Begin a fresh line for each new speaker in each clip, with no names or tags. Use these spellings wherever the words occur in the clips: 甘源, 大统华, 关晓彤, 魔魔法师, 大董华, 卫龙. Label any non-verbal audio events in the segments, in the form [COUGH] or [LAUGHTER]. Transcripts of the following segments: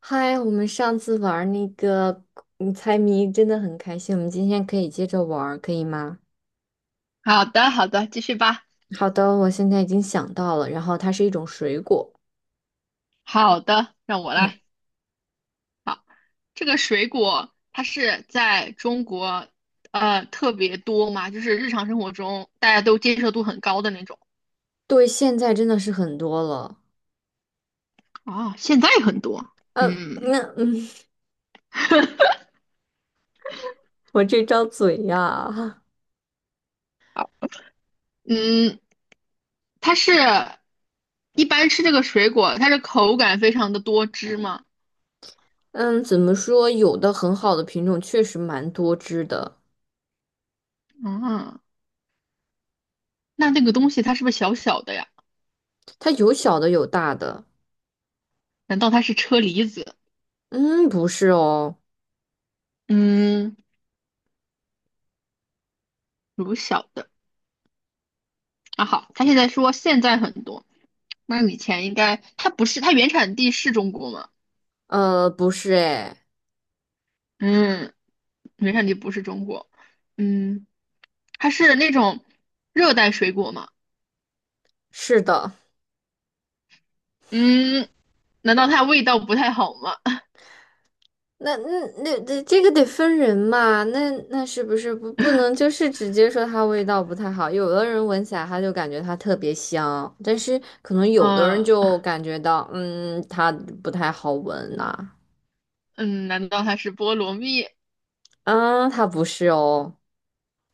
嗨，我们上次玩儿那个猜谜真的很开心，我们今天可以接着玩儿，可以吗？
好的，好的，继续吧。
好的，我现在已经想到了，然后它是一种水果。
好的，让我
嗯，
来。这个水果它是在中国特别多嘛，就是日常生活中大家都接受度很高的那种。
对，现在真的是很多了。
啊，现在很多。
呃，
嗯
那嗯，[LAUGHS] 我这张嘴呀，
嗯，它是一般吃这个水果，它是口感非常的多汁嘛。
嗯，怎么说？有的很好的品种确实蛮多汁的，
啊，那那个东西它是不是小小的呀？
它有小的有大的。
难道它是车厘子？
嗯，不是哦，
嗯，如小的。啊，好，他现在说现在很多，那以前应该他不是，他原产地是中国吗？
不是，哎，
嗯，原产地不是中国。嗯，它是那种热带水果吗？
是的。
嗯，难道它味道不太好吗？[LAUGHS]
那那那这这个得分人嘛，那是不是不能就是直接说它味道不太好？有的人闻起来他就感觉它特别香，但是可能有的人
嗯
就感觉到，它不太好闻呐、
嗯，难道它是菠萝蜜？
啊，它不是哦，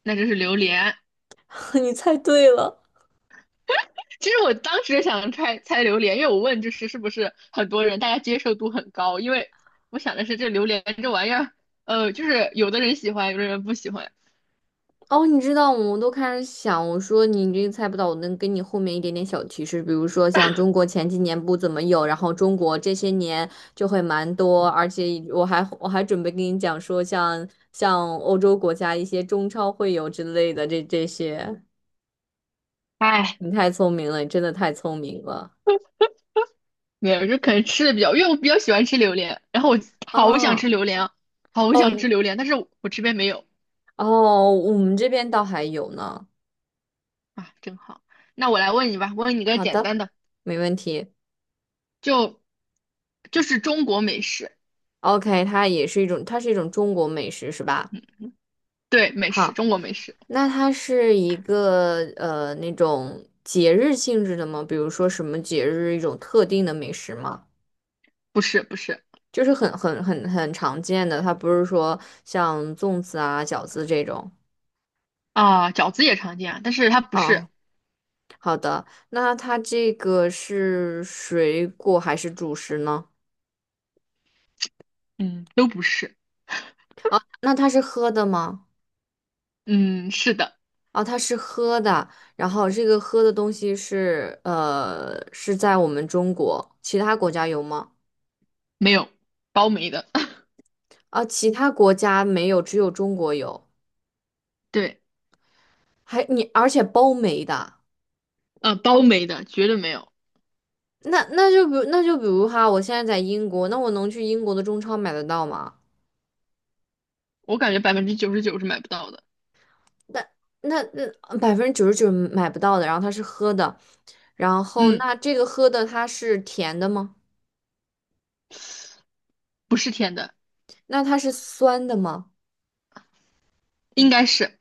那就是榴莲。
[LAUGHS] 你猜对了。
其实我当时想猜猜榴莲，因为我问就是是不是很多人大家接受度很高，因为我想的是这榴莲这玩意儿，就是有的人喜欢，有的人不喜欢。
哦，你知道，我都开始想，我说你这个猜不到，我能给你后面一点点小提示，比如说像中国前几年不怎么有，然后中国这些年就会蛮多，而且我还准备跟你讲说像欧洲国家一些中超会有之类的这些，
哎。
你太聪明了，你真的太聪明了
没有，就可能吃的比较，因为我比较喜欢吃榴莲，然后我好想吃
啊！
榴莲啊，好想
哦
吃榴莲，但是我这边没有。
哦，我们这边倒还有呢。
啊，真好。那我来问你吧，问你个
好
简
的，
单的，
没问题。
就就是中国美食。
OK，它也是一种，它是一种中国美食，是吧？
对，美食，
好。
中国美食。
那它是一个那种节日性质的吗？比如说什么节日一种特定的美食吗？
不是不是。
就是很常见的，它不是说像粽子啊、饺子这种。
啊，饺子也常见啊，但是它不
哦，
是。
好的，那它这个是水果还是主食呢？
嗯，都不是。
那它是喝的吗？
嗯，是的。
哦，它是喝的，然后这个喝的东西是是在我们中国，其他国家有吗？
没有，包没的。
啊，其他国家没有，只有中国有。
[LAUGHS] 对，
还你，而且包没的，
包没的，绝对没有。
就比如那就比如哈，我现在在英国，那我能去英国的中超买得到吗？
我感觉99%是买不到的。
那那99%买不到的，然后它是喝的，然后
嗯，
那这个喝的它是甜的吗？
不是甜的。
那它是酸的吗？
应该是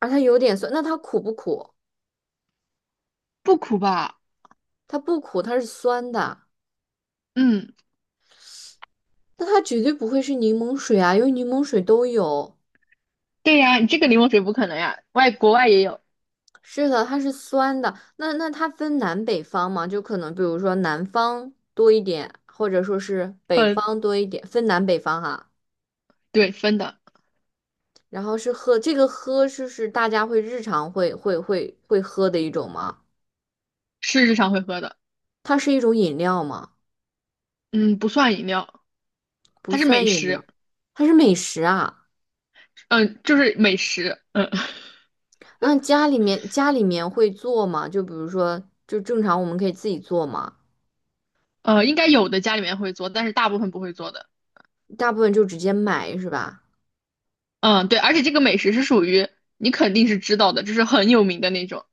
而它有点酸，那它苦不苦？
不苦吧。
它不苦，它是酸的，
嗯。
那它绝对不会是柠檬水啊，因为柠檬水都有。
对呀，你这个柠檬水不可能呀，外国外也有
是的，它是酸的。那那它分南北方吗？就可能比如说南方多一点，或者说是北
分。
方多一点，分南北方哈。
对，分的。
然后是喝，这个喝是大家日常会喝的一种吗？
是日常会喝的。
它是一种饮料吗？
嗯，不算饮料。
不
它是美
算饮料，
食。
它是美食啊。
嗯，就是美食。嗯，
那家里面会做吗？就比如说，就正常我们可以自己做吗？
应该有的家里面会做，但是大部分不会做的。
大部分就直接买是吧？
嗯，对，而且这个美食是属于你肯定是知道的，就是很有名的那种，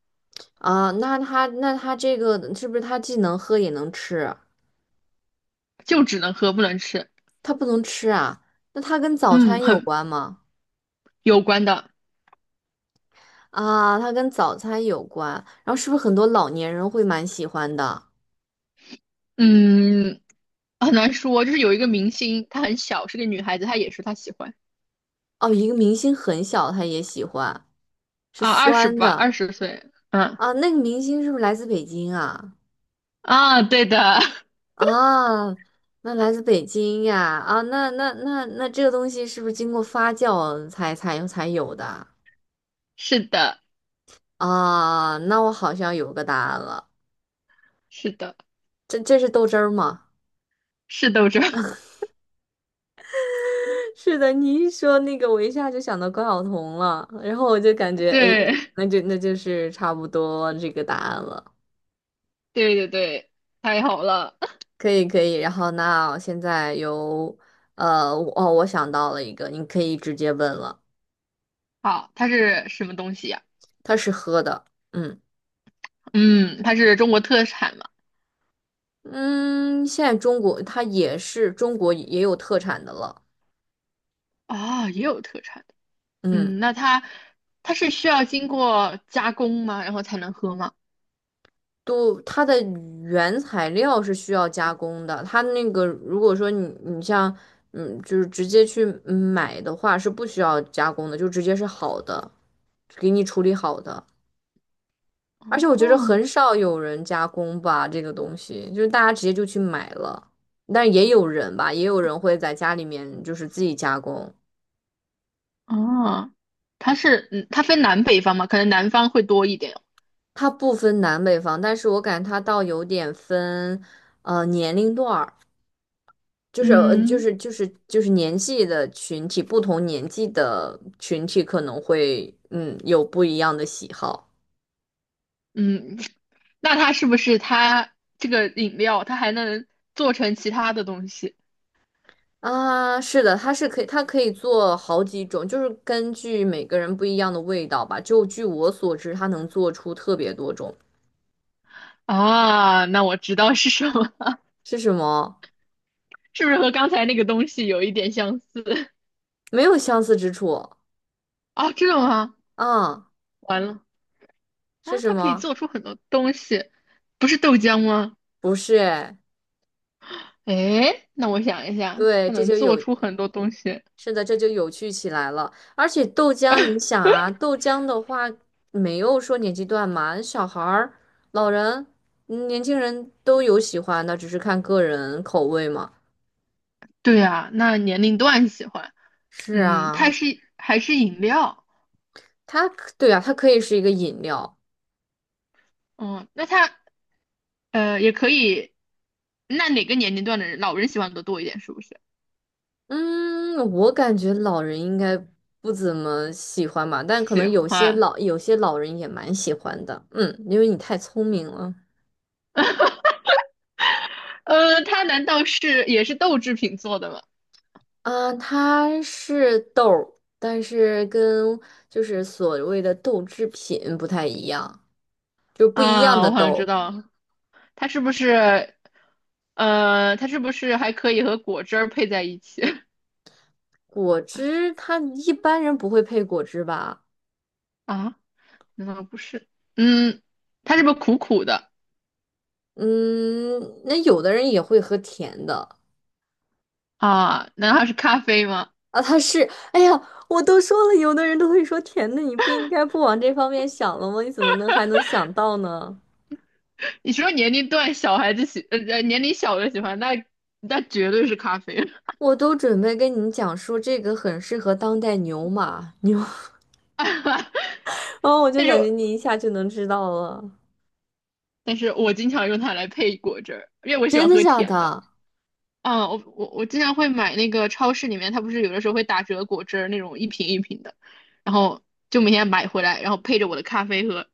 啊，那它这个是不是它既能喝也能吃？
就只能喝不能吃。
它不能吃啊？那它跟早
嗯，
餐有
很
关吗？
有关的。
啊，它跟早餐有关。然后是不是很多老年人会蛮喜欢的？
嗯，很难说，就是有一个明星，她很小，是个女孩子，她也说她喜欢。
哦，一个明星很小，他也喜欢，是
啊，二十
酸
吧，
的
20岁，嗯。
啊。那个明星是不是来自北京啊？
啊，对的。
啊，那来自北京呀？啊，那这个东西是不是经过发酵才有的啊？
[LAUGHS] 是的，
啊那我好像有个答案了，
是的，
这是豆汁儿吗？
是斗争。[LAUGHS]
是的，你一说那个，我一下就想到关晓彤了，然后我就感觉，哎，
对，
那就是差不多这个答案了，
对对对，太好了。
可以可以。然后那现在由，我想到了一个，你可以直接问了，
好，它是什么东西呀、
它是喝的，嗯
嗯，它是中国特产嘛？
嗯，现在中国它也是中国也有特产的了，
啊，也有特产的。
嗯。
嗯，那它是需要经过加工吗？然后才能喝吗？
都它的原材料是需要加工的，它那个如果说你像就是直接去买的话是不需要加工的，就直接是好的，给你处理好的。而且我觉得
哦
很少有人加工吧，这个东西就是大家直接就去买了，但也有人吧，也有人会在家里面就是自己加工。
哦，它是嗯，它分南北方嘛？可能南方会多一点。
它不分南北方，但是我感觉它倒有点分年龄段儿。就是呃就
嗯
是就是就是年纪的群体，不同年纪的群体可能会有不一样的喜好
嗯，那它是不是它这个饮料它还能做成其他的东西
啊。是的，它是可以，它可以做好几种，就是根据每个人不一样的味道吧。就据我所知，它能做出特别多种。
啊？那我知道是什么。
是什么？
是不是和刚才那个东西有一点相似？[LAUGHS]
没有相似之处
啊，这的吗？
啊？
完了
是
啊，
什
它可以
么？
做出很多东西，不是豆浆吗？
不是哎，
诶，那我想一下，
对，
它
这
能
就
做
有。
出很多东西。
是的，这就有趣起来了。而且豆浆，你想啊，豆浆的话没有说年纪段嘛，小孩儿、老人、年轻人都有喜欢的，只是看个人口味嘛。
对呀，那年龄段喜欢。
是
嗯，它
啊，
是还是饮料？
它可对啊，它可以是一个饮料。
嗯，那它也可以。那哪个年龄段的人，老人喜欢的多一点？是不是？
嗯，我感觉老人应该不怎么喜欢吧，但可
喜
能
欢。
有些老人也蛮喜欢的。嗯，因为你太聪明了。
它难道是也是豆制品做的吗？
啊，它是豆儿，但是跟就是所谓的豆制品不太一样，就是不一样
啊，
的
我好像知
豆。
道，它是不是它是不是还可以和果汁儿配在一起
果汁，它一般人不会配果汁吧？
[LAUGHS] 啊？难道不是？嗯，它是不是苦苦的
嗯，那有的人也会喝甜的
啊？难道是咖啡吗？
啊。它是，哎呀，我都说了，有的人都会说甜的，你不应该不往这方面想了吗？你怎么能还能想到呢？
你说年龄段小孩子年龄小的喜欢，那绝对是咖啡。
我都准备跟你讲说这个很适合当代牛马牛，[LAUGHS] 哦，我
[LAUGHS]
就
但是
感觉你一下就能知道了。
但是我经常用它来配果汁儿，因为我喜
真
欢
的
喝
假
甜的。
的？
嗯，我经常会买那个超市里面，它不是有的时候会打折果汁儿那种一瓶一瓶的，然后就每天买回来，然后配着我的咖啡喝。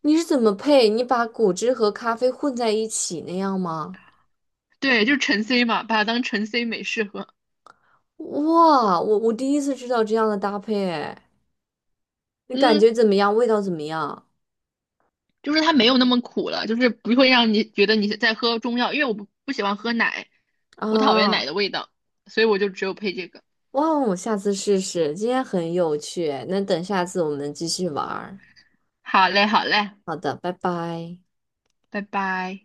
你是怎么配？你把果汁和咖啡混在一起那样吗？
对，就是橙 C 嘛，把它当橙 C 美式喝。
哇，我第一次知道这样的搭配，哎，你感
嗯，
觉怎么样？味道怎么样？
就是它没有那么苦了，就是不会让你觉得你在喝中药，因为我不喜欢喝奶，我讨厌奶
啊，
的味道，所以我就只有配这个。
哇哦，我下次试试。今天很有趣哎，那等下次我们继续玩儿。
好嘞，好嘞，
好的，拜拜。
拜拜。